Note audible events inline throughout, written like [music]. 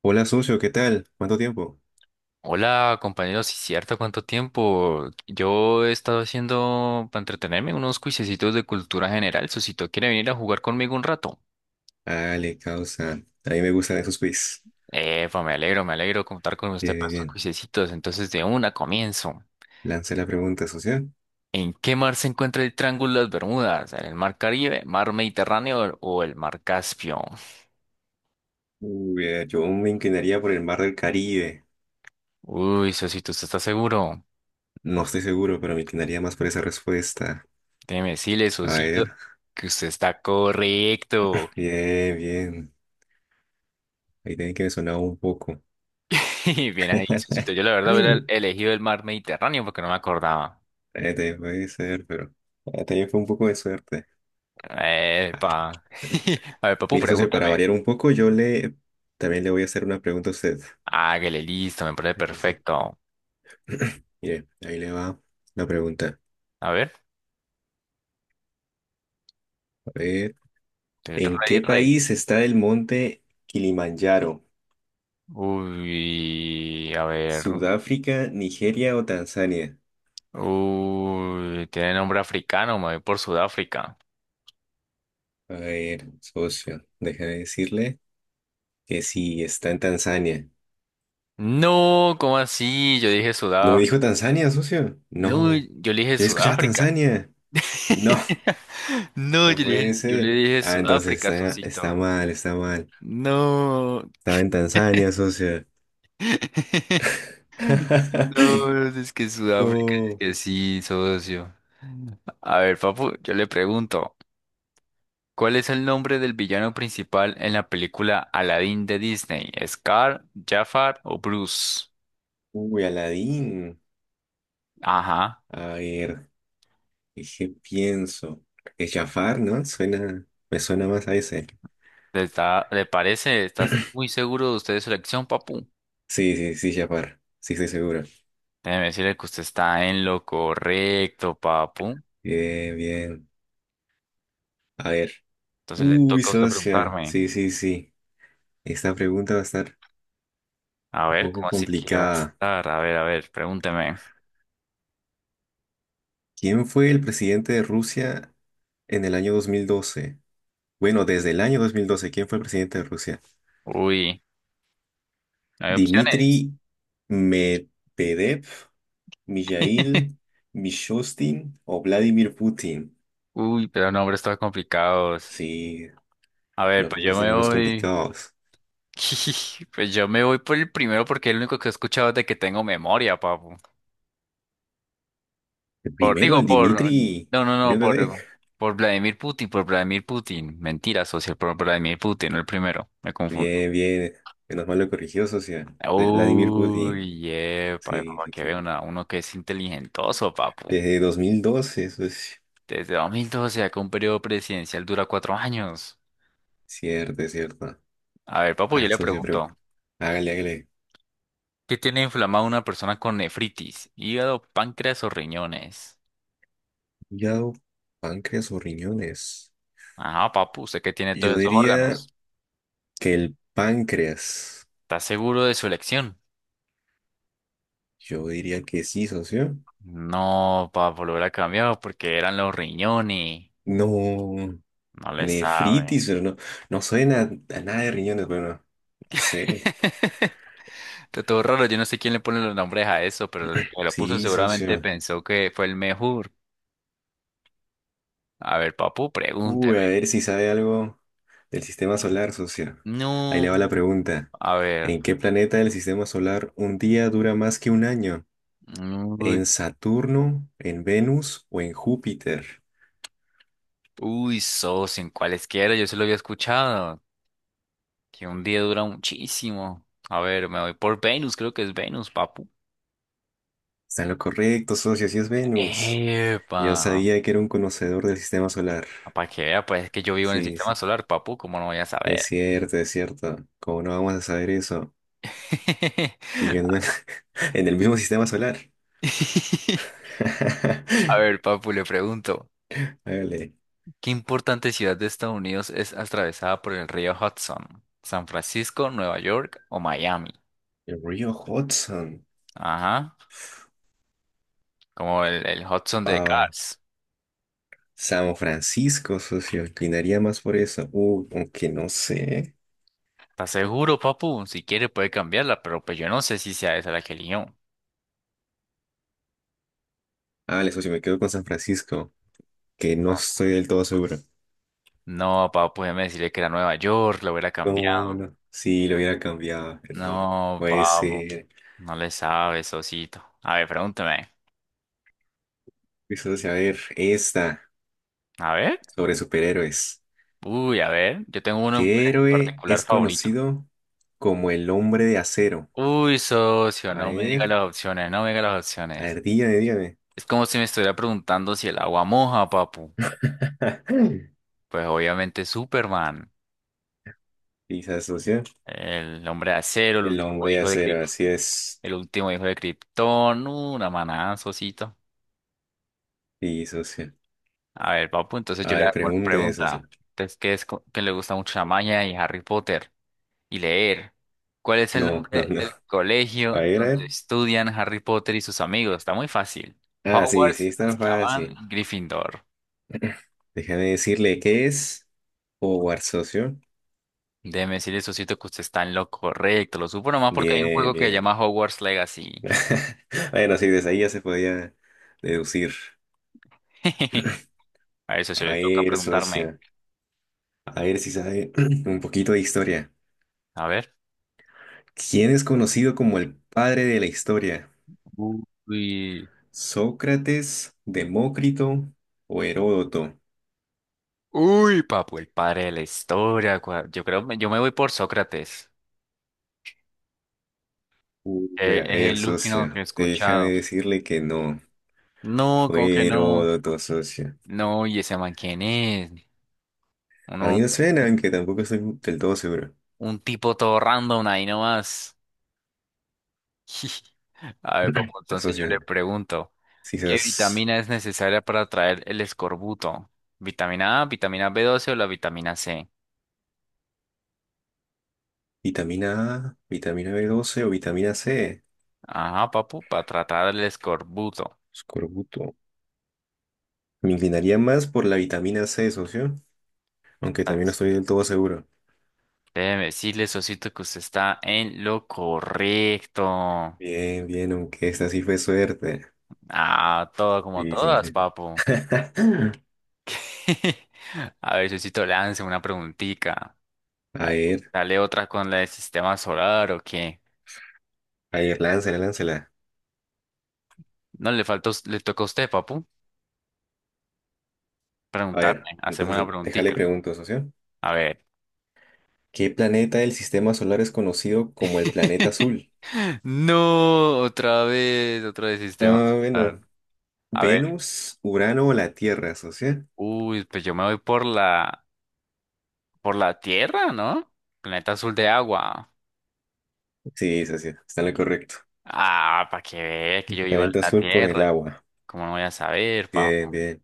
Hola, socio, ¿qué tal? ¿Cuánto tiempo? Hola, compañeros, sí, cierto, ¿cuánto tiempo? Yo he estado haciendo, para entretenerme, unos cuisecitos de cultura general. Susito, ¿quiere venir a jugar conmigo un rato? Ale, causa. A mí me gustan esos quiz. Epa, me alegro contar con usted Bien, para bien, estos bien. cuisecitos. Entonces, de una comienzo. Lanza la pregunta, socio. ¿En qué mar se encuentra el Triángulo de las Bermudas? ¿En el mar Caribe, mar Mediterráneo o el mar Caspio? Uy, yo me inclinaría por el mar del Caribe. Uy, Sosito, ¿usted está seguro? No estoy seguro, pero me inclinaría más por esa respuesta. Déjeme decirle, A Sosito, ver. que usted está correcto. Bien, bien. Ahí tiene que me sonaba un poco. [laughs] Bien ahí, Susito. Yo la [laughs] verdad hubiera Ay. elegido el mar Mediterráneo porque no me acordaba. Te puede ser, pero también fue un poco de suerte. Epa. [laughs] A [laughs] ver, papu, Mire, socio, para pregúntame. variar un poco, yo le también le voy a hacer una pregunta a usted. Hágale, listo, me parece Sí, sí, sí. perfecto. Mire, ahí le va la pregunta. A ver, A ver. estoy ¿En rey, qué rey. país está el monte Kilimanjaro? Uy, a ver. ¿Sudáfrica, Nigeria o Tanzania? Uy, tiene nombre africano, me voy por Sudáfrica. A ver, socio, déjame decirle que sí, está en Tanzania. No, ¿cómo así? Yo dije ¿No me Sudáfrica. dijo Tanzania, socio? No, No, yo le dije yo escuchaba Sudáfrica. Tanzania. No, [laughs] No, no yo le dije, puede yo le ser. dije Ah, entonces Sudáfrica, está Susito. mal, está mal. No. Estaba en [laughs] Tanzania, socio. [laughs] [laughs] No, es que Sudáfrica, es No. que sí, socio. A ver, papu, yo le pregunto, ¿cuál es el nombre del villano principal en la película Aladdin de Disney? ¿Scar, Jafar o Bruce? Uy, Aladín. Ajá, A ver. Dije, pienso. Es Jafar, ¿no? Suena, me suena más a ese. ¿Le parece? ¿Estás muy seguro de usted de su elección, papu? Sí, sí, sí, Jafar. Sí, estoy seguro. Déjeme decirle que usted está en lo correcto, papu. Bien, bien. A ver. Entonces le Uy, toca a usted socia. preguntarme. Sí, sí, sí. Esta pregunta va a estar A un ver, poco ¿cómo así que va a complicada. estar? A ver, pregúnteme. ¿Quién fue el presidente de Rusia en el año 2012? Bueno, desde el año 2012, ¿quién fue el presidente de Rusia? Uy, no hay opciones. ¿Dmitry Medvedev, [laughs] Mijail Mishustin o Vladimir Putin? Uy, pero nombres todos complicados. Sí, A ver, los pues rusos yo tienen me nombres voy. complicados. [laughs] Pues yo me voy por el primero porque es el único que he escuchado de que tengo memoria, papu. El Por, primero, digo, el por. Dmitri No, no, no, Medvedev. por Vladimir Putin, por Vladimir Putin. Mentira, socio, por Vladimir Putin, no el primero. Me confundo. Bien, bien. Menos mal lo corrigió, socia. El Vladimir Putin. Uy, epa, Sí, para sí, que sí. vea uno que es inteligentoso, papu. Desde 2012, eso es Desde 2012, acá un periodo presidencial dura 4 años. cierto, es cierto. A ver, A papu, yo ver, le socio, pero pregunto. hágale, hágale. ¿Qué tiene inflamado una persona con nefritis? Hígado, páncreas o riñones. Hígado, páncreas o riñones. Ajá, papu, usted que tiene Yo todos esos órganos. diría que el páncreas. ¿Está seguro de su elección? Yo diría que sí, socio. No, papu, lo hubiera cambiado porque eran los riñones. No, No le sabe. nefritis, pero no, no suena a nada de riñones, bueno, no sé. [laughs] Está todo raro, yo no sé quién le pone los nombres a eso, pero el que lo puso Sí, seguramente socio. pensó que fue el mejor. A ver, papu, Uy, a pregúnteme. ver si sabe algo del sistema solar, socio. Ahí le va No, la pregunta. a ver. ¿En qué planeta del sistema solar un día dura más que un año? Uy, ¿En Saturno, en Venus o en Júpiter? uy, socio, en cualesquiera, yo se lo había escuchado. Que un día dura muchísimo. A ver, me voy por Venus, creo que es Venus, papu. Está en lo correcto, socio, si es Venus. Yo Epa. sabía que era un conocedor del sistema solar. Para que vea, pues es que yo vivo en el Sí, sistema sí. solar, papu, ¿cómo no voy a saber? Es cierto, es cierto. ¿Cómo no vamos a saber eso? Viviendo [laughs] en [laughs] en el mismo sistema solar. A ver, [laughs] papu, le pregunto, Hágale. ¿qué importante ciudad de Estados Unidos es atravesada por el río Hudson? ¿San Francisco, Nueva York o Miami? El río Hudson. Ajá, como el Hudson de Ah, Cars. San Francisco, socio, inclinaría más por eso. Aunque no sé. ¿Estás seguro, papu? Si quiere puede cambiarla, pero pues yo no sé si sea esa la que eligió. Ah, vale, socio, me quedo con San Francisco, que no estoy del todo seguro. No, papo, déjeme decirle que era Nueva York, lo hubiera cambiado. No, no. Sí, lo hubiera cambiado, pero no. No, Puede papo, ser. no le sabe, socito. A ver, pregúntame. Pues socio, a ver, esta, A ver. sobre superhéroes. Uy, a ver, yo tengo uno en ¿Qué héroe particular es favorito. conocido como el hombre de acero? Uy, socio, A no me diga ver, las opciones, no me diga las a opciones. ver, dígame, dígame. Es como si me estuviera preguntando si el agua moja, papu. [laughs] Pues obviamente Superman, Sí, socio. el hombre de acero, el El último hombre de hijo de acero, Krypton, así es. el último hijo de Krypton, una manada, socito. Sí, socio. A ver, papu, entonces A yo le ver, hago una pregunte, socio. pregunta. Entonces, ¿qué es que le gusta mucho la maña y Harry Potter? Y leer. ¿Cuál es el No, no, nombre no. del colegio A ver, a donde ver. estudian Harry Potter y sus amigos? Está muy fácil. Ah, sí, sí, Hogwarts, está fácil. Azkaban, Gryffindor. [clears throat] Déjame decirle qué es Howard, socio. Déjeme decirle, socito, que usted está en lo correcto. Lo supo nomás porque hay un Bien, juego que se bien. llama Hogwarts Legacy. [laughs] Bueno, sí, desde ahí ya se podía deducir. [laughs] [clears throat] A eso se A le toca ver, preguntarme. socio. A ver si sabe [clears throat] un poquito de historia. A ver. ¿Quién es conocido como el padre de la historia? Uy. ¿Sócrates, Demócrito o Heródoto? Uy, papu, el padre de la historia. Yo creo, yo me voy por Sócrates. Uy, a Es ver, el último socio. que he Déjame escuchado. decirle que no. No, ¿cómo que Fue no? Heródoto, socio. No, ¿y ese man quién es? A Uno, mí me suena, un, aunque tampoco estoy del todo seguro. un tipo todo random ahí nomás. [laughs] A ver, [clears throat] papu, entonces yo Asocia. le pregunto, ¿qué Quizás vitamina es necesaria para traer el escorbuto? ¿Vitamina A, vitamina B12 o la vitamina C? vitamina A, vitamina B12 o vitamina C. Ajá, papu, para tratar el escorbuto. Escorbuto. Me inclinaría más por la vitamina C, socio. Aunque también no As- estoy del todo seguro. Déjeme decirle, socito, que usted está en lo correcto. Bien, bien, aunque esta sí fue suerte. Ah, todo como Sí, sí, todas, sí. papu. [laughs] [laughs] A ver, Sosito, lance una preguntica. A A ver, ver, dale otra con la del sistema solar o qué. a ver, láncela, láncela. No, le faltó, le tocó a usted, papu, A ver, preguntarme, hacerme una entonces déjale preguntica. pregunto, socio. A ver. ¿Qué planeta del sistema solar es conocido como el planeta [laughs] azul? No, otra vez sistema Ah, solar. bueno, A ver. Venus, Urano o la Tierra, socia. Uy, pues yo me voy por la Tierra, ¿no? Planeta azul de agua. Sí, socia, está en lo correcto. Ah, para que vea que yo vivo en Planeta la azul por el Tierra. agua. ¿Cómo no voy a saber, Bien, papu? bien.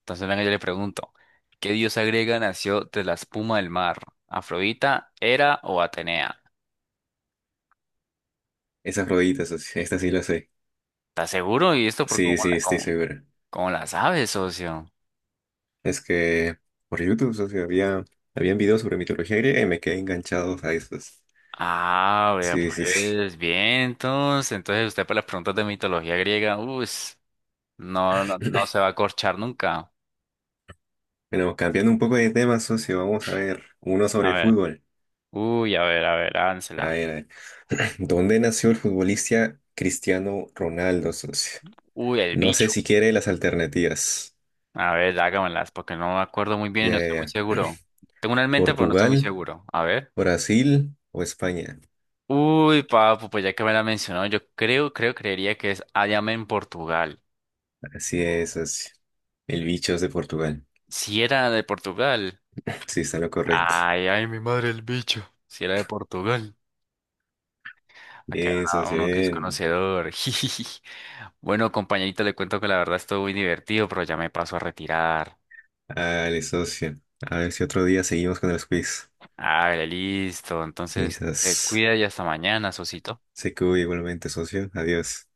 Entonces, venga, yo le pregunto, ¿qué diosa griega nació de la espuma del mar? ¿Afrodita, Hera o Atenea? Esas rodillitas, socia, esta sí la sé. ¿Estás seguro? ¿Y esto por Sí, sí, estoy seguro. cómo la sabes, socio? Es que por YouTube, socia, había, habían videos sobre mitología griega y me quedé enganchado a esos. Ah, vea, Sí, sí, sí. pues vientos. Entonces usted para las preguntas de mitología griega, uy, no, no, no se va a corchar nunca. Bueno, cambiando un poco de tema, socio, vamos a ver uno A sobre ver, fútbol. uy, a ver, A hágansela. ver, a ver. [clears throat] ¿Dónde nació el futbolista Cristiano Ronaldo, socio? Uy, el No sé bicho. si quiere las alternativas. A ver, hágamelas, porque no me acuerdo muy bien y no Ya, ya, estoy muy ya. seguro. Tengo una en mente, pero no estoy muy ¿Portugal? seguro. A ver. Brasil o España. Uy, papu, pues ya que me la mencionó, creería que es Ayame en Portugal. Así es, socio. El bicho es de Portugal. Si era de Portugal. Sí, está en lo correcto. Ay, ay, mi madre el bicho. Si era de Portugal. Aquí Bien, habrá socio, uno que es bien. conocedor. [laughs] jijiji. Bueno, compañerito, le cuento que la verdad estuvo muy divertido, pero ya me paso a retirar. Dale, socio. A ver si otro día seguimos con los quiz. Ah, listo. Sí, Entonces, sas. te cuida y hasta mañana, Sosito. Se cuida igualmente, socio. Adiós.